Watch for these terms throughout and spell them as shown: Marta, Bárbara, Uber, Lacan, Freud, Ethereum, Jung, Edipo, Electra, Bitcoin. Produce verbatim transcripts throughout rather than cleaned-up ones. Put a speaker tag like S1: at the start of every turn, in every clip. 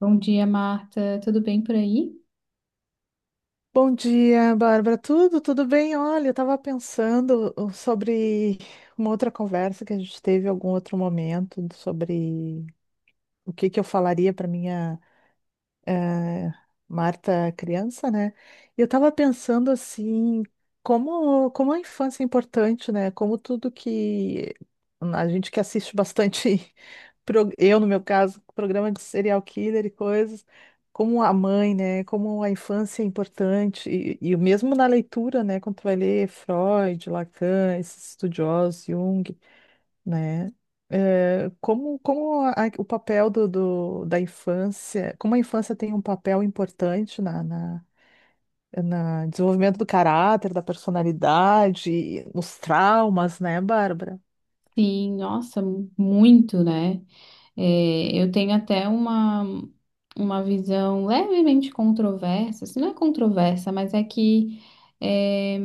S1: Bom dia, Marta. Tudo bem por aí?
S2: Bom dia, Bárbara. Tudo, tudo bem? Olha, eu estava pensando uh, sobre uma outra conversa que a gente teve em algum outro momento, sobre o que que eu falaria para minha eh, Marta criança, né? E eu tava pensando assim, como, como a infância é importante, né? Como tudo que a gente que assiste bastante, pro- eu no meu caso, programa de serial killer e coisas, como a mãe, né? Como a infância é importante, e, e mesmo na leitura, né? Quando tu vai ler Freud, Lacan, esses estudiosos, Jung, né? É, como como a- o papel do, do- da infância, como a infância tem um papel importante na, na, na desenvolvimento do caráter, da personalidade, e nos traumas, né, Bárbara?
S1: Sim, nossa, muito, né? É, eu tenho até uma, uma visão levemente controversa, se não é controversa, mas é que é,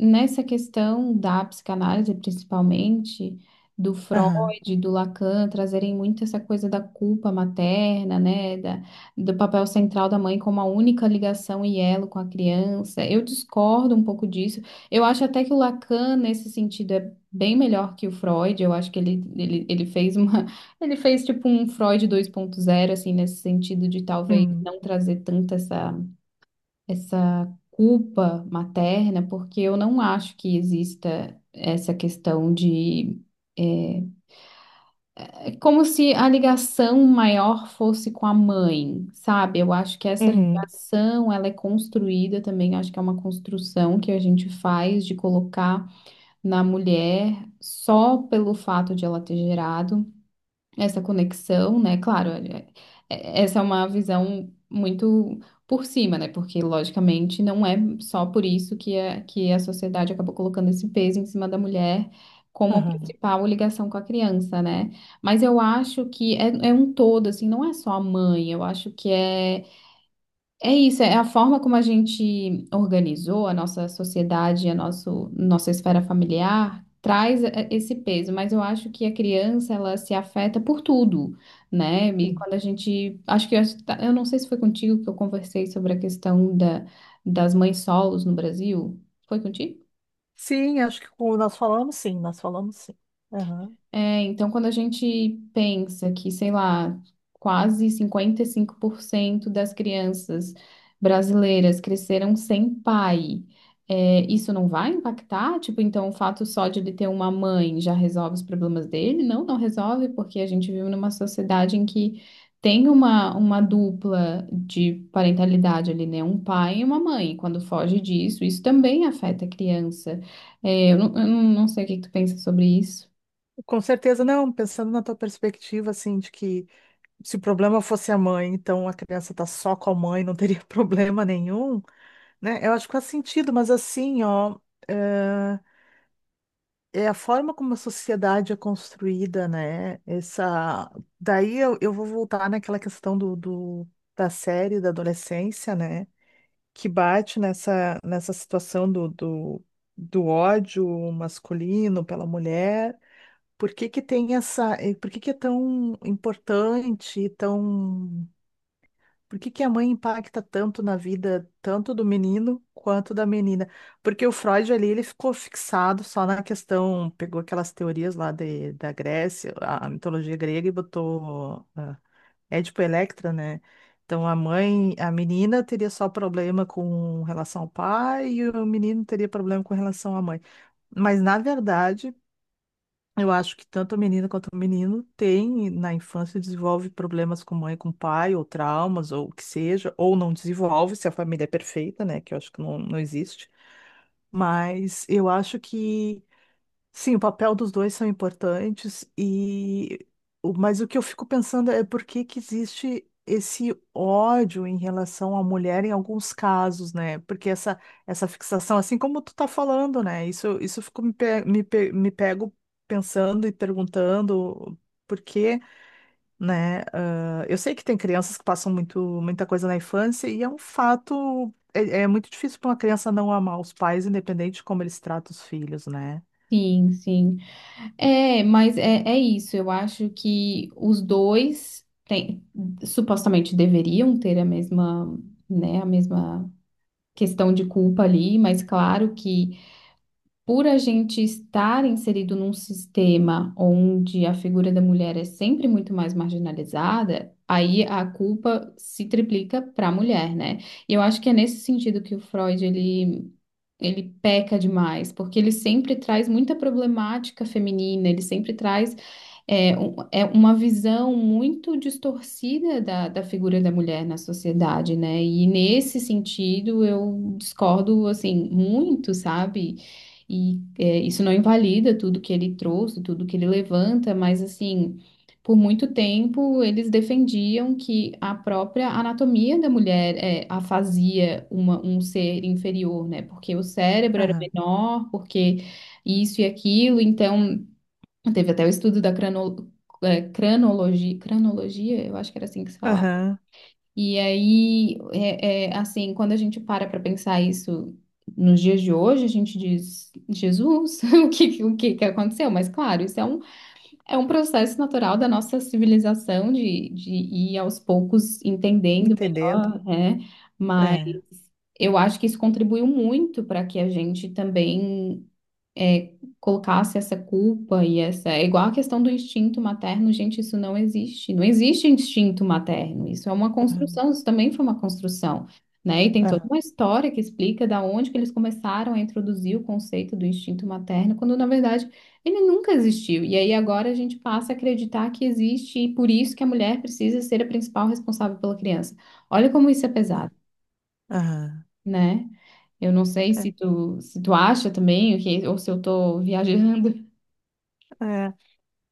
S1: nessa questão da psicanálise, principalmente, do
S2: Aham.
S1: Freud, do Lacan, trazerem muito essa coisa da culpa materna, né, da, do papel central da mãe como a única ligação e elo com a criança. Eu discordo um pouco disso. Eu acho até que o Lacan, nesse sentido, é bem melhor que o Freud. Eu acho que ele, ele, ele fez uma ele fez tipo um Freud dois ponto zero, assim, nesse sentido de talvez
S2: Uhum.
S1: não trazer tanta essa, essa culpa materna, porque eu não acho que exista essa questão de. É, é como se a ligação maior fosse com a mãe, sabe? Eu acho que essa
S2: Uhum.
S1: ligação, ela é construída também, acho que é uma construção que a gente faz de colocar na mulher só pelo fato de ela ter gerado essa conexão, né? Claro, é- é- essa é uma visão muito por cima, né? Porque, logicamente, não é só por isso que a, que a sociedade acabou colocando esse peso em cima da mulher como a
S2: Aham.
S1: principal ligação com a criança, né? Mas eu acho que é, é um todo, assim, não é só a mãe, eu acho que é. É isso, é a forma como a gente organizou a nossa sociedade, a nosso, nossa esfera familiar, traz eh, esse peso, mas eu acho que a criança, ela se afeta por tudo, né? E
S2: Sim.
S1: quando a gente, acho que, eu acho que tá- eu não sei se foi contigo que eu conversei sobre a questão da, das mães solos no Brasil, foi contigo?
S2: Sim, acho que com- nós falamos sim, nós falamos sim. Aham.
S1: É, então, quando a gente pensa que, sei lá, quase cinquenta e cinco por cento das crianças brasileiras cresceram sem pai, é, isso não vai impactar? Tipo, então o fato só de ele ter uma mãe já resolve os problemas dele? Não, não resolve, porque a gente vive numa sociedade em que tem uma, uma dupla de parentalidade ali, né? Um pai e uma mãe. Quando foge disso, isso também afeta a criança. É, eu não, eu não não sei o que que tu pensa sobre isso.
S2: Com certeza. Não, pensando na tua perspectiva, assim, de que se o problema fosse a mãe, então a criança tá só com a mãe, não teria problema nenhum. Né? Eu acho que faz sentido, mas assim, ó, eh, é a forma como a sociedade é construída, né? Essa... Daí eu, eu vou voltar naquela questão do, do- da série da adolescência, né? Que bate nessa, nessa situação do, do, do ódio masculino pela mulher. Por que que tem essa... eh, Por que que é tão importante, tão por que que a mãe impacta tanto na vida, tanto do menino quanto da menina? Porque o Freud ali, ele ficou fixado só na questão, pegou aquelas teorias lá de, da Grécia, a, a mitologia grega e botou ah, Édipo e Electra, né? Então a mãe, a menina teria só problema com relação ao pai e o menino teria problema com relação à mãe. Mas na verdade eu acho que tanto a menina quanto o menino tem, na infância, desenvolve problemas com mãe, com pai, ou traumas, ou o que seja, ou não desenvolve, se a família é perfeita, né? Que eu acho que não, não existe. Mas eu acho que sim, o papel dos dois são importantes e o- mas o que eu fico pensando é por que que existe esse ódio em relação à mulher em alguns casos, né? Porque essa essa fixação, assim como tu tá falando, né? Isso isso eu fico me, pe- me, pe- me pego pensando e perguntando por quê, né? Ah, eu sei que tem crianças que passam muito muita coisa na infância e é um fato, é, é muito difícil para uma criança não amar os pais, independente de como eles tratam os filhos, né?
S1: Sim, sim. É, mas é, é isso. Eu acho que os dois têm- supostamente deveriam ter a mesma, né, a mesma questão de culpa ali, mas claro que por a gente estar inserido num sistema onde a figura da mulher é sempre muito mais marginalizada, aí a culpa se triplica para a mulher, né? E eu acho que é nesse sentido que o Freud ele ele peca demais, porque ele sempre traz muita problemática feminina, ele sempre traz é, um- é uma visão muito distorcida da, da figura da mulher na sociedade, né? E nesse sentido eu discordo assim muito, sabe? E é, isso não invalida tudo que ele trouxe, tudo que ele levanta, mas assim. Por muito tempo, eles defendiam que a própria anatomia da mulher é, a fazia uma- um ser inferior, né? Porque o cérebro era menor, porque isso e aquilo. Então, teve até o estudo da crano- é, cranologi- cranologia, eu acho que era assim que se falava.
S2: Aham,
S1: E aí, é, é, assim, quando a gente para para pensar isso nos dias de hoje, a gente diz, Jesus, o que, o que que aconteceu? Mas claro, isso é um é um processo natural da nossa civilização de, de ir aos poucos entendendo
S2: entendendo.
S1: melhor, né? Mas
S2: É.
S1: eu acho que isso contribuiu muito para que a gente também é, colocasse essa culpa e essa. É igual a questão do instinto materno, gente, isso não existe. Não existe instinto materno, isso é uma
S2: Aham,
S1: construção, isso também foi uma construção. Né? E tem toda
S2: aham,
S1: uma história que explica da onde que eles começaram a introduzir o conceito do instinto materno, quando na verdade ele nunca existiu. E aí agora a gente passa a acreditar que existe e por isso que a mulher precisa ser a principal responsável pela criança. Olha como isso é pesado,
S2: aham.
S1: né? Eu não sei se tu, se tu acha também, o que- ou se eu tô viajando.
S2: É, é.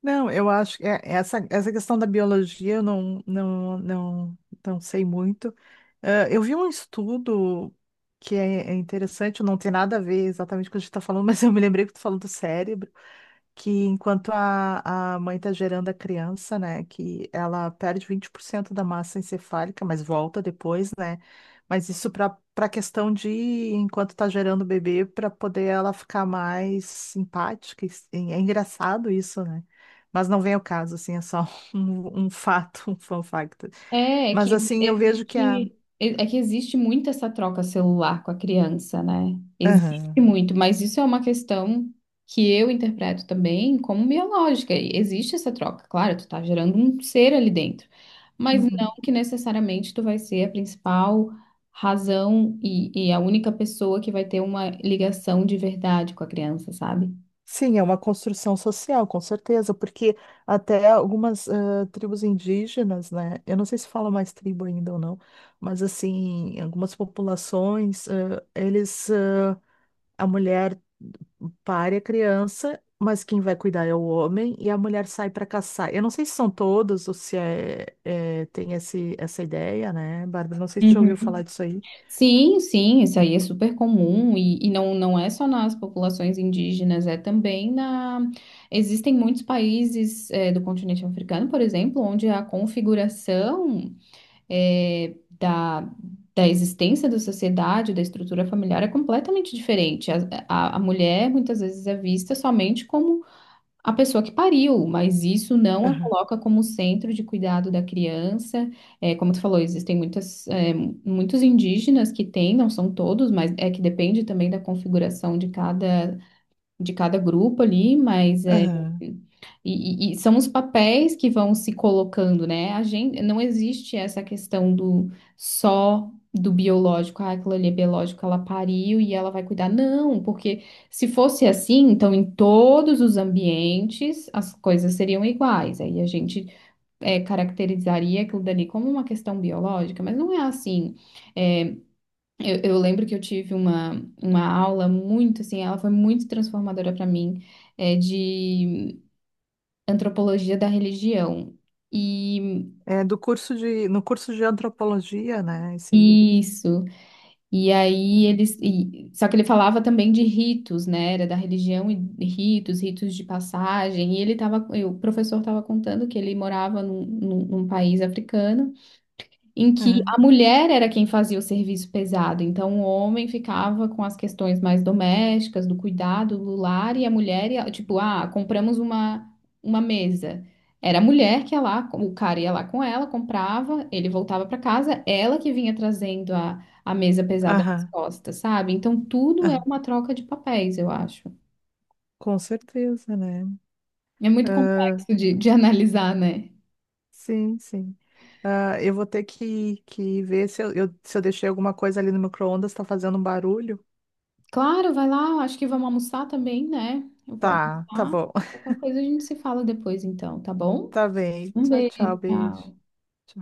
S2: Não, eu acho que é- essa, essa questão da biologia eu não, não, não, não sei muito. Ah, eu vi um estudo que é, é interessante, não tem nada a ver exatamente com o que a gente está falando, mas eu me lembrei que tu falou do cérebro, que enquanto a, a mãe está gerando a criança, né, que ela perde vinte por cento da massa encefálica, mas volta depois, né? Mas isso para para questão de enquanto está gerando o bebê, para poder ela ficar mais simpática. e- É engraçado isso, né? Mas não vem ao caso, assim, é só um, um fato, um fun fact.
S1: É, é
S2: Mas
S1: que
S2: assim, eu vejo que a.
S1: existe, é que existe muito essa troca celular com a criança, né? Existe
S2: Aham.
S1: muito, mas isso é uma questão que eu interpreto também como biológica. E existe essa troca, claro, tu tá gerando um ser ali dentro, mas
S2: Uhum.
S1: não que necessariamente tu vai ser a principal razão e, e a única pessoa que vai ter uma ligação de verdade com a criança, sabe?
S2: Sim, é uma construção social, com certeza, porque até algumas eh, tribos indígenas, né? Eu não sei se fala mais tribo ainda ou não, mas assim, algumas populações, eh, eles, eh, a mulher pare a criança, mas quem vai cuidar é o homem e a mulher sai para caçar. Eu não sei se são todos ou se é, é, tem esse, essa ideia, né, Bárbara? Não sei se você já ouviu falar disso aí.
S1: Sim, sim, isso aí é super comum e, e não, não é só nas populações indígenas, é também na... Existem muitos países eh, do continente africano, por exemplo, onde a configuração eh, da, da existência da sociedade, da estrutura familiar é completamente diferente. A, a, a mulher muitas vezes é vista somente como a pessoa que pariu, mas isso não a
S2: Aham,
S1: coloca como centro de cuidado da criança. É, como tu falou, existem muitas, é, muitos indígenas que têm, não são todos, mas é que depende também da configuração de cada de cada grupo ali, mas é,
S2: aham.
S1: e, e- e são os papéis que vão se colocando, né? A gente não existe essa questão do só do biológico, ah, aquilo ali é biológico, ela pariu e ela vai cuidar. Não, porque se fosse assim, então em todos os ambientes as coisas seriam iguais. Aí a gente é, caracterizaria aquilo dali como uma questão biológica, mas não é assim. É, eu, eu lembro que eu tive uma, uma aula muito, assim, ela foi muito transformadora para mim, é, de antropologia da religião. E
S2: É do curso de, no curso de antropologia, né? Isso aí.
S1: isso. E aí eles. E- só que ele falava também de ritos, né? Era da religião e ritos, ritos de passagem. E ele tava. E O professor estava contando que ele morava num, num num país africano em que
S2: Aham.
S1: a mulher era quem fazia o serviço pesado, então o homem ficava com as questões mais domésticas, do cuidado, do lar, e a mulher ia, tipo, ah, compramos uma, uma mesa. Era a mulher que ia lá, o cara ia lá com ela, comprava, ele voltava para casa, ela que vinha trazendo a, a mesa pesada nas
S2: Aham,
S1: costas, sabe? Então tudo é
S2: aham,
S1: uma troca de papéis, eu acho.
S2: com certeza, né?
S1: É muito
S2: Ah,
S1: complexo de, de analisar, né?
S2: sim, sim. Ah, eu vou ter que, que ver se eu, eu- se eu deixei alguma coisa ali no micro-ondas, tá fazendo um barulho?
S1: Claro, vai lá. Acho que vamos almoçar também, né? Eu vou
S2: Tá, tá
S1: almoçar.
S2: bom.
S1: Qualquer coisa a gente se fala depois, então, tá bom?
S2: Tá bem.
S1: Um
S2: Tchau, tchau,
S1: beijo,
S2: beijo.
S1: tchau.